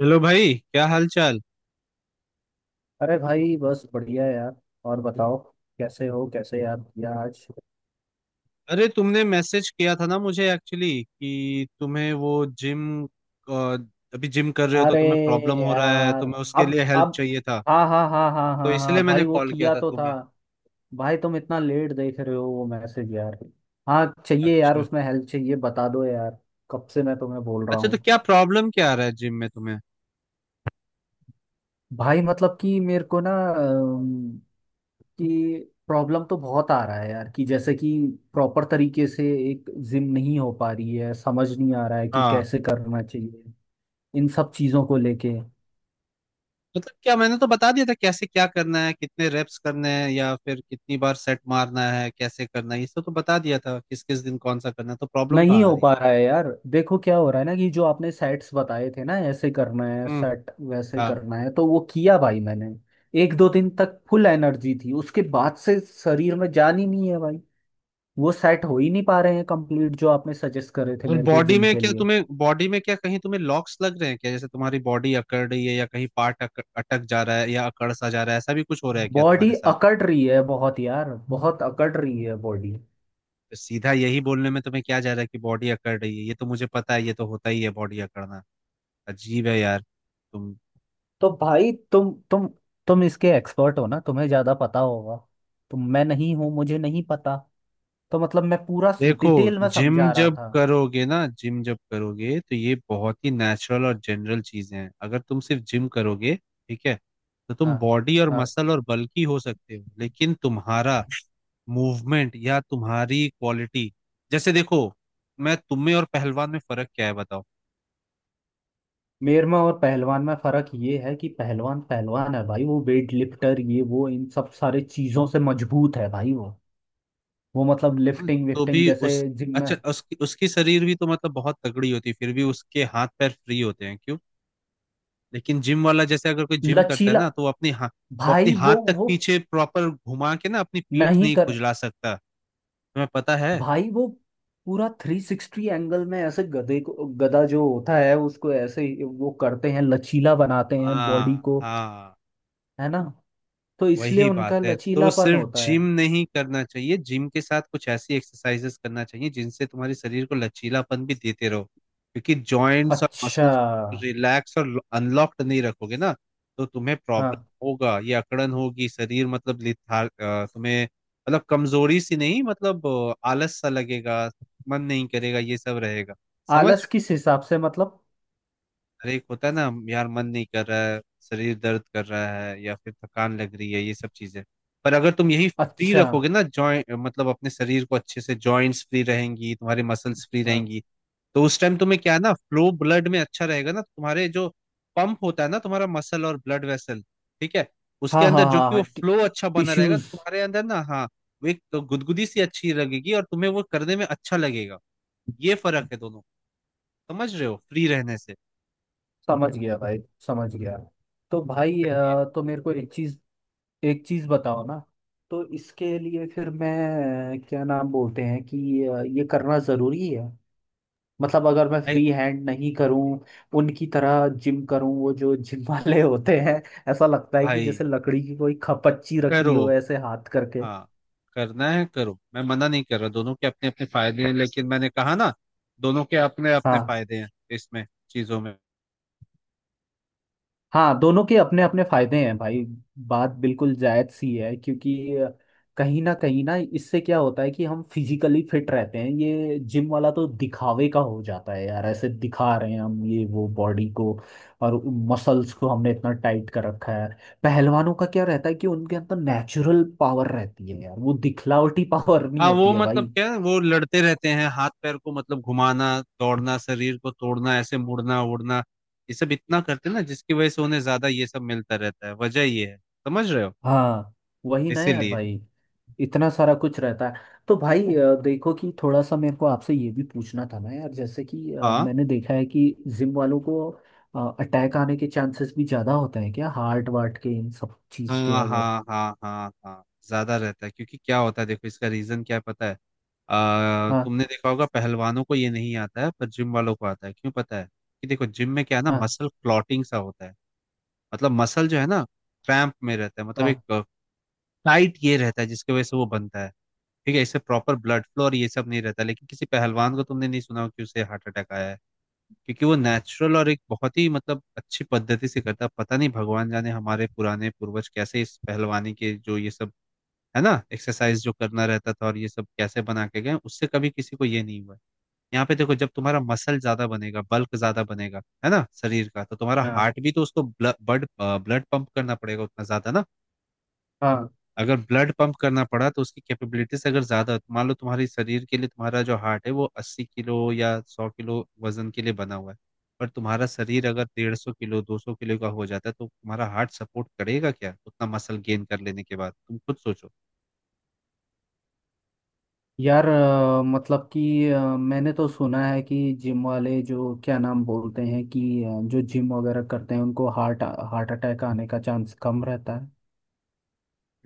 Hello भाई, क्या हाल चाल। अरे भाई बस बढ़िया यार। और बताओ, कैसे हो, कैसे याद किया आज? अरे तुमने मैसेज किया था ना मुझे एक्चुअली कि तुम्हें वो जिम अभी जिम कर रहे हो तो अरे तुम्हें प्रॉब्लम हो रहा है, यार, तुम्हें उसके अब लिए हेल्प अब चाहिए था, हाँ हाँ हाँ हाँ तो हाँ इसलिए हाँ मैंने भाई, वो कॉल किया किया था तो था। तुम्हें। भाई तुम इतना लेट देख रहे हो वो मैसेज यार। हाँ चाहिए यार, अच्छा। उसमें हेल्प चाहिए, बता दो यार। कब से मैं तुम्हें बोल रहा अच्छा, तो हूँ। क्या प्रॉब्लम क्या आ रहा है जिम में तुम्हें? भाई मतलब कि मेरे को ना कि प्रॉब्लम तो बहुत आ रहा है यार, कि जैसे कि प्रॉपर तरीके से एक जिम नहीं हो पा रही है, समझ नहीं आ रहा है कि हाँ। कैसे करना चाहिए इन सब चीजों को लेके। मतलब क्या, मैंने तो बता दिया था कैसे क्या करना है, कितने रेप्स करने हैं या फिर कितनी बार सेट मारना है, कैसे करना है ये सब तो बता दिया था, किस किस दिन कौन सा करना है, तो प्रॉब्लम नहीं कहाँ आ हो रही है? पा रहा है यार। देखो क्या हो रहा है ना, कि जो आपने सेट्स बताए थे ना, ऐसे करना है हम्म। सेट, वैसे हाँ। करना है, तो वो किया भाई मैंने। एक दो दिन तक फुल एनर्जी थी, उसके बाद से शरीर में जान ही नहीं है भाई। वो सेट हो ही नहीं पा रहे हैं कंप्लीट जो आपने सजेस्ट करे थे और मेरे को बॉडी जिम में के क्या, लिए। तुम्हें बॉडी में क्या कहीं तुम्हें लॉक्स लग रहे हैं क्या, जैसे तुम्हारी बॉडी अकड़ रही है या कहीं पार्ट अटक जा रहा है या अकड़ सा जा रहा है, ऐसा भी कुछ हो रहा है क्या बॉडी तुम्हारे साथ? अकड़ रही है बहुत यार, बहुत अकड़ रही है बॉडी। तो सीधा यही बोलने में तुम्हें क्या जा रहा है कि बॉडी अकड़ रही है, ये तो मुझे पता है, ये तो होता ही है बॉडी अकड़ना। अजीब है यार। तुम तो भाई तुम तुम इसके एक्सपर्ट हो ना, तुम्हें ज्यादा पता होगा। तो मैं नहीं हूँ, मुझे नहीं पता। तो मतलब मैं पूरा देखो, डिटेल में जिम समझा रहा जब था। करोगे ना, जिम जब करोगे तो ये बहुत ही नेचुरल और जनरल चीजें हैं। अगर तुम सिर्फ जिम करोगे, ठीक है, तो तुम हाँ। बॉडी और हाँ, मसल और बल्की हो सकते हो लेकिन तुम्हारा मूवमेंट या तुम्हारी क्वालिटी, जैसे देखो, मैं तुम में और पहलवान में फर्क क्या है बताओ। मेर में और पहलवान में फर्क ये है कि पहलवान पहलवान है भाई, वो वेट लिफ्टर, ये वो इन सब सारे चीजों से मजबूत है भाई वो। वो मतलब हाँ, लिफ्टिंग तो विफ्टिंग भी जैसे उस, जिम अच्छा में। उसकी उसकी शरीर भी तो मतलब बहुत तगड़ी होती है, फिर भी उसके हाथ पैर फ्री होते हैं क्यों? लेकिन जिम वाला, जैसे अगर कोई जिम करता है लचीला। ना, तो वो अपनी हाथ, वो अपनी भाई वो हाथ तक वो पीछे प्रॉपर घुमा के ना अपनी पीठ नहीं नहीं कर। खुजला सकता, तुम्हें पता है? भाई वो पूरा थ्री सिक्सटी एंगल में ऐसे, गधे को गधा जो होता है उसको ऐसे ही वो करते हैं, लचीला बनाते हैं बॉडी हाँ को। हाँ। है ना। तो इसलिए वही उनका बात है, तो लचीलापन सिर्फ होता है। जिम नहीं करना चाहिए, जिम के साथ कुछ ऐसी एक्सरसाइजेस करना चाहिए जिनसे तुम्हारे शरीर को लचीलापन भी देते रहो, क्योंकि जॉइंट्स और अच्छा। मसल्स रिलैक्स और अनलॉक्ड नहीं रखोगे ना, तो तुम्हें प्रॉब्लम हाँ। होगा, ये अकड़न होगी, शरीर मतलब तुम्हें मतलब कमजोरी सी नहीं, मतलब आलस सा लगेगा, मन नहीं करेगा, ये सब रहेगा। समझ। आलस किस हिसाब से, मतलब? अरे एक होता है ना यार, मन नहीं कर रहा है, शरीर दर्द कर रहा है या फिर थकान लग रही है, ये सब चीजें। पर अगर तुम यही फ्री अच्छा। रखोगे ना जॉइंट, मतलब अपने शरीर को अच्छे से, जॉइंट्स फ्री रहेंगी, तुम्हारे मसल्स फ्री हाँ रहेंगी, तो उस टाइम तुम्हें क्या है ना, फ्लो ब्लड में अच्छा रहेगा ना, तुम्हारे जो पंप होता है ना तुम्हारा मसल और ब्लड वेसल, ठीक है, उसके हाँ हाँ अंदर जो हाँ कि वो हाँ फ्लो अच्छा बना रहेगा, टिश्यूज। तो तुम्हारे अंदर ना, हाँ वो एक तो गुदगुदी सी अच्छी लगेगी और तुम्हें वो करने में अच्छा लगेगा। ये फर्क है दोनों, समझ रहे हो, फ्री रहने से। समझ गया भाई, समझ गया। तो भाई इसीलिए तो मेरे को एक चीज बताओ ना। तो इसके लिए फिर मैं, क्या नाम बोलते हैं कि ये करना जरूरी है? मतलब अगर मैं भाई, फ्री हैंड नहीं करूं, उनकी तरह जिम करूं, वो जो जिम वाले होते हैं, ऐसा लगता है कि भाई जैसे लकड़ी की कोई खपच्ची रखी करो। हो, ऐसे हाथ करके। हाँ करना है करो, मैं मना नहीं कर रहा, दोनों के अपने अपने फायदे हैं, लेकिन मैंने कहा ना दोनों के अपने अपने हाँ। फायदे हैं इसमें चीजों में। हाँ दोनों के अपने अपने फायदे हैं भाई। बात बिल्कुल जायज सी है, क्योंकि कहीं ना कहीं ना, इससे क्या होता है कि हम फिजिकली फिट रहते हैं। ये जिम वाला तो दिखावे का हो जाता है यार, ऐसे दिखा रहे हैं हम ये वो, बॉडी को और मसल्स को हमने इतना टाइट कर रखा है। पहलवानों का क्या रहता है कि उनके अंदर नेचुरल पावर रहती है यार, वो दिखलावटी पावर नहीं हाँ होती वो है मतलब भाई। क्या है, वो लड़ते रहते हैं, हाथ पैर को मतलब घुमाना, दौड़ना, शरीर को तोड़ना, ऐसे मुड़ना उड़ना, ये सब इतना करते हैं ना जिसकी वजह से उन्हें ज्यादा ये सब मिलता रहता है, वजह ये है, समझ रहे हो? हाँ वही ना यार इसीलिए। भाई, इतना सारा कुछ रहता है। तो भाई देखो कि थोड़ा सा मेरे को आपसे ये भी पूछना था ना यार, जैसे कि हाँ मैंने देखा है कि जिम वालों को अटैक आने के चांसेस भी ज़्यादा होते हैं क्या, हार्ट वार्ट के इन सब हाँ चीज़ के अगर? हाँ हाँ हाँ, हाँ ज्यादा रहता है, क्योंकि क्या होता है देखो, इसका रीजन क्या है पता है? हाँ तुमने देखा होगा, पहलवानों को ये नहीं आता है पर जिम वालों को आता है, क्यों पता है? कि देखो जिम में क्या है ना, हाँ मसल क्लॉटिंग सा होता है, मतलब मसल जो है ना क्रैम्प में रहता है, मतलब एक हाँ टाइट ये रहता है, जिसकी वजह से वो बनता है, ठीक है। इससे प्रॉपर ब्लड फ्लो और ये सब नहीं रहता, लेकिन किसी पहलवान को तुमने नहीं सुना हो कि उसे हार्ट अटैक आया है, क्योंकि वो नेचुरल और एक बहुत ही मतलब अच्छी पद्धति से करता है। पता नहीं, भगवान जाने, हमारे पुराने पूर्वज कैसे इस पहलवानी के जो ये सब है ना, एक्सरसाइज जो करना रहता था और ये सब कैसे बना के गए, उससे कभी किसी को ये नहीं हुआ है। यहाँ पे देखो, जब तुम्हारा मसल ज्यादा बनेगा, बल्क ज्यादा बनेगा है ना शरीर का, तो तुम्हारा हाँ हार्ट भी तो उसको ब्लड ब्लड पंप करना पड़ेगा उतना ज्यादा ना। हाँ। अगर ब्लड पंप करना पड़ा तो उसकी कैपेबिलिटीज, अगर ज्यादा, तो मान लो तुम्हारे शरीर के लिए तुम्हारा जो हार्ट है वो 80 किलो या 100 किलो वजन के लिए बना हुआ है, पर तुम्हारा शरीर अगर 150 किलो, 200 किलो का हो जाता है, तो तुम्हारा हार्ट सपोर्ट करेगा क्या उतना मसल गेन कर लेने के बाद? तुम खुद सोचो। यार मतलब कि मैंने तो सुना है कि जिम वाले जो, क्या नाम बोलते हैं कि जो जिम वगैरह करते हैं उनको हार्ट हार्ट अटैक आने का चांस कम रहता है।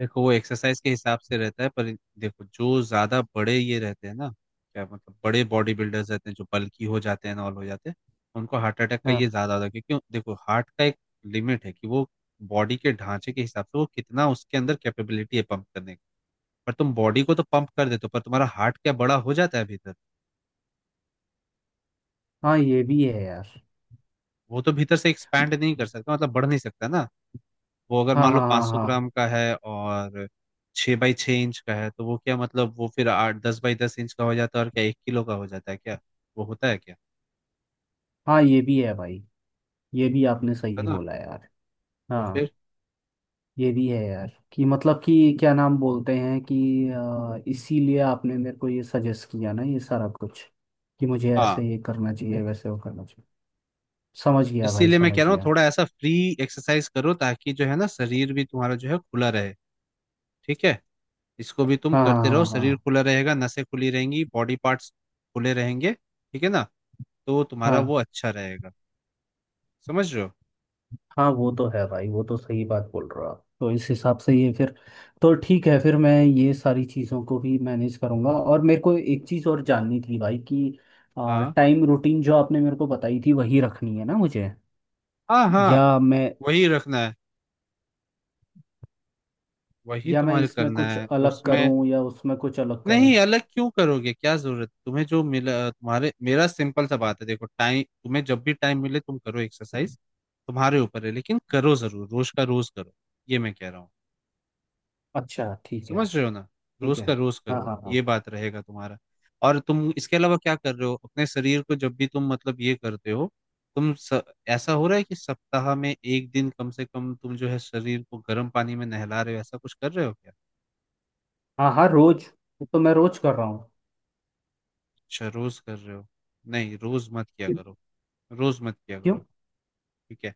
देखो वो एक्सरसाइज के हिसाब से रहता है, पर देखो जो ज्यादा बड़े ये रहते हैं ना, क्या मतलब बड़े बॉडी बिल्डर्स रहते हैं जो बल्की हो जाते हैं ना, ऑल हो जाते हैं, उनको हार्ट अटैक का ये हाँ ज्यादा होता है, क्योंकि देखो हार्ट का एक लिमिट है कि वो बॉडी के ढांचे के हिसाब से वो कितना, उसके अंदर कैपेबिलिटी है पंप करने की। पर तुम बॉडी को तो पंप कर देते हो, पर तुम्हारा हार्ट क्या बड़ा हो जाता है भीतर? हाँ, ये भी है यार। वो तो भीतर से एक्सपैंड नहीं कर सकता, मतलब बढ़ नहीं सकता ना। वो अगर हाँ मान लो हाँ हाँ 500 हाँ ग्राम का है और 6 बाई 6 इंच का है, तो वो क्या, मतलब वो फिर आठ दस बाई दस इंच का हो जाता है और क्या 1 किलो का हो जाता है क्या? वो होता है क्या? हाँ, ये भी है भाई, ये भी नहीं आपने होता सही ना। बोला यार। तो हाँ फिर। ये भी है यार कि मतलब कि, क्या नाम बोलते हैं कि इसीलिए आपने मेरे को ये सजेस्ट किया ना ये सारा कुछ, कि मुझे हाँ ऐसे ये करना चाहिए वैसे वो करना चाहिए। समझ गया भाई, इसीलिए मैं कह समझ रहा हूँ गया। थोड़ा ऐसा फ्री एक्सरसाइज करो ताकि जो है ना शरीर भी तुम्हारा जो है खुला रहे, ठीक है। इसको भी तुम हाँ हाँ करते रहो, हाँ शरीर हाँ खुला रहेगा, नसें खुली रहेंगी, बॉडी पार्ट्स खुले रहेंगे, ठीक है ना, तो तुम्हारा हाँ। वो अच्छा रहेगा, समझ रहे हो? हाँ वो तो है भाई, वो तो सही बात बोल रहे हो आप। तो इस हिसाब से ये फिर, तो ठीक है फिर, मैं ये सारी चीज़ों को भी मैनेज करूँगा। और मेरे को एक चीज़ और जाननी थी भाई कि हाँ टाइम रूटीन जो आपने मेरे को बताई थी, वही रखनी है ना मुझे, हाँ हाँ। या मैं, वही रखना है, वही या मैं तुम्हारे इसमें करना कुछ है अलग उसमें। करूँ या उसमें कुछ अलग करूँ? नहीं अलग क्यों करोगे, क्या जरूरत, तुम्हें जो मिला तुम्हारे, मेरा सिंपल सा बात है देखो, टाइम तुम्हें जब भी टाइम मिले तुम करो एक्सरसाइज, तुम्हारे ऊपर है, लेकिन करो जरूर, रोज का रोज करो, ये मैं कह रहा हूँ। अच्छा ठीक है। समझ रहे हो ना, ठीक रोज है। का रोज हाँ करो, हाँ हाँ ये बात रहेगा तुम्हारा। और तुम इसके अलावा क्या कर रहे हो अपने शरीर को, जब भी तुम मतलब ये करते हो, तुम स, ऐसा हो रहा है कि सप्ताह में एक दिन कम से कम तुम जो है शरीर को गर्म पानी में नहला रहे हो, ऐसा कुछ कर रहे हो क्या? हाँ हाँ। रोज, वो तो मैं रोज कर रहा हूँ। अच्छा रोज कर रहे हो। नहीं रोज मत किया क्यों? करो, रोज मत किया क्यों? करो, ठीक है।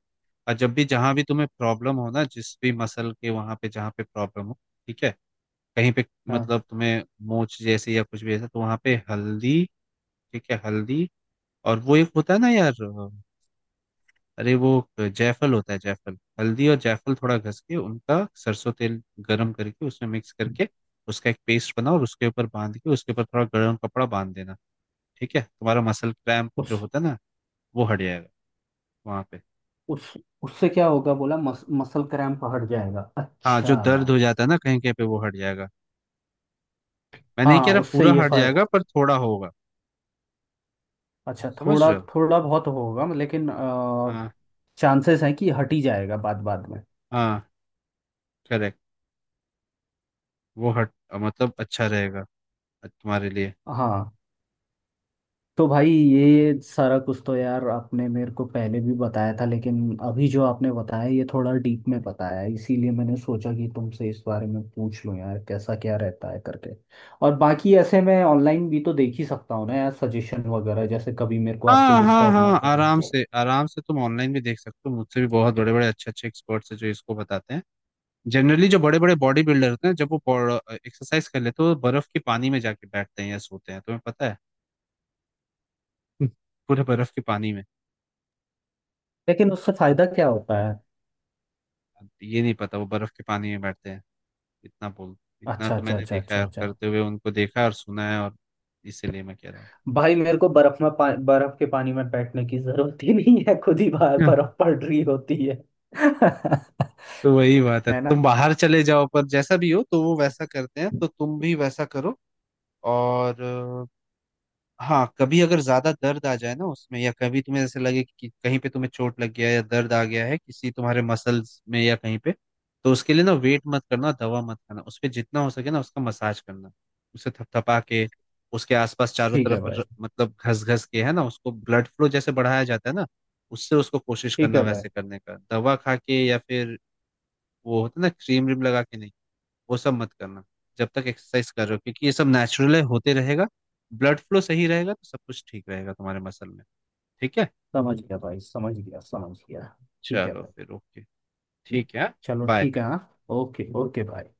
और जब भी जहां भी तुम्हें प्रॉब्लम हो ना, जिस भी मसल के वहां पे जहां पे प्रॉब्लम हो, ठीक है, कहीं पे हाँ। मतलब तुम्हें मोच जैसी या कुछ भी ऐसा, तो वहां पे हल्दी, ठीक है, हल्दी, और वो एक होता है ना यार, अरे वो जायफल होता है, जायफल। हल्दी और जायफल थोड़ा घस के, उनका सरसों तेल गरम करके उसमें मिक्स करके उसका एक पेस्ट बनाओ और उसके ऊपर बांध के, उसके ऊपर थोड़ा गर्म कपड़ा बांध देना, ठीक है। तुम्हारा मसल क्रैम्प उस जो होता है ना, वो हट जाएगा वहां पे। उस उससे क्या होगा बोला, मसल क्रैम्प हट जाएगा, हाँ अच्छा। जो दर्द हो जाता है ना कहीं कहीं पे, वो हट जाएगा। मैं नहीं कह हाँ रहा उससे पूरा ये हट फाय जाएगा, पर थोड़ा होगा। अच्छा, समझ थोड़ा रहे हो? थोड़ा बहुत होगा, लेकिन हाँ चांसेस हैं कि हट ही जाएगा बाद बाद में। हाँ, करेक्ट, वो हट मतलब अच्छा रहेगा तुम्हारे लिए। हाँ। तो भाई ये सारा कुछ तो यार आपने मेरे को पहले भी बताया था, लेकिन अभी जो आपने बताया ये थोड़ा डीप में बताया है, इसीलिए मैंने सोचा कि तुमसे इस बारे में पूछ लूँ यार, कैसा क्या रहता है करके। और बाकी ऐसे मैं ऑनलाइन भी तो देख ही सकता हूँ ना यार सजेशन वगैरह, जैसे कभी मेरे को आपको हाँ हाँ डिस्टर्ब ना हाँ, आराम करें। से, आराम से तुम ऑनलाइन भी देख सकते हो, मुझसे भी बहुत बड़े बड़े अच्छे अच्छे एक्सपर्ट्स हैं जो इसको बताते हैं। जनरली जो बड़े बड़े बॉडी बिल्डर होते हैं, जब वो एक्सरसाइज कर लेते हैं तो बर्फ के पानी में जाके बैठते हैं या सोते हैं, तुम्हें पता है? पूरे बर्फ के पानी में। लेकिन उससे फायदा क्या होता है? ये नहीं पता, वो बर्फ के पानी में बैठते हैं, इतना बोल, इतना अच्छा तो अच्छा मैंने अच्छा देखा अच्छा है और अच्छा। करते हुए उनको देखा और सुना है, और इसीलिए मैं कह रहा भाई मेरे को बर्फ के पानी में बैठने की जरूरत ही नहीं है, खुद ही बाहर हूँ। बर्फ पड़ रही होती है। तो वही बात है, है ना। तुम बाहर चले जाओ, पर जैसा भी हो, तो वो वैसा करते हैं तो तुम भी वैसा करो। और हाँ कभी अगर ज्यादा दर्द आ जाए ना उसमें, या कभी तुम्हें ऐसे लगे कि कहीं पे तुम्हें चोट लग गया है या दर्द आ गया है किसी तुम्हारे मसल्स में या कहीं पे, तो उसके लिए ना वेट मत करना, दवा मत खाना, उस पे जितना हो सके ना उसका मसाज करना, उसे थपथपा के, उसके आसपास चारों ठीक है तरफ भाई। मतलब घस घस के है ना, उसको ब्लड फ्लो जैसे बढ़ाया जाता है ना, उससे उसको कोशिश ठीक करना है भाई। वैसे करने का, दवा खा के या फिर वो होता है ना क्रीम व्रीम लगा के नहीं, वो सब मत करना जब तक एक्सरसाइज कर रहे हो, क्योंकि ये सब नेचुरल होते रहेगा, ब्लड फ्लो सही रहेगा तो सब कुछ ठीक रहेगा तुम्हारे मसल में, ठीक है। समझ गया भाई, समझ गया, समझ गया। ठीक है चलो भाई। फिर ओके, ठीक है, चलो बाय। ठीक है। हाँ ओके ओके भाई।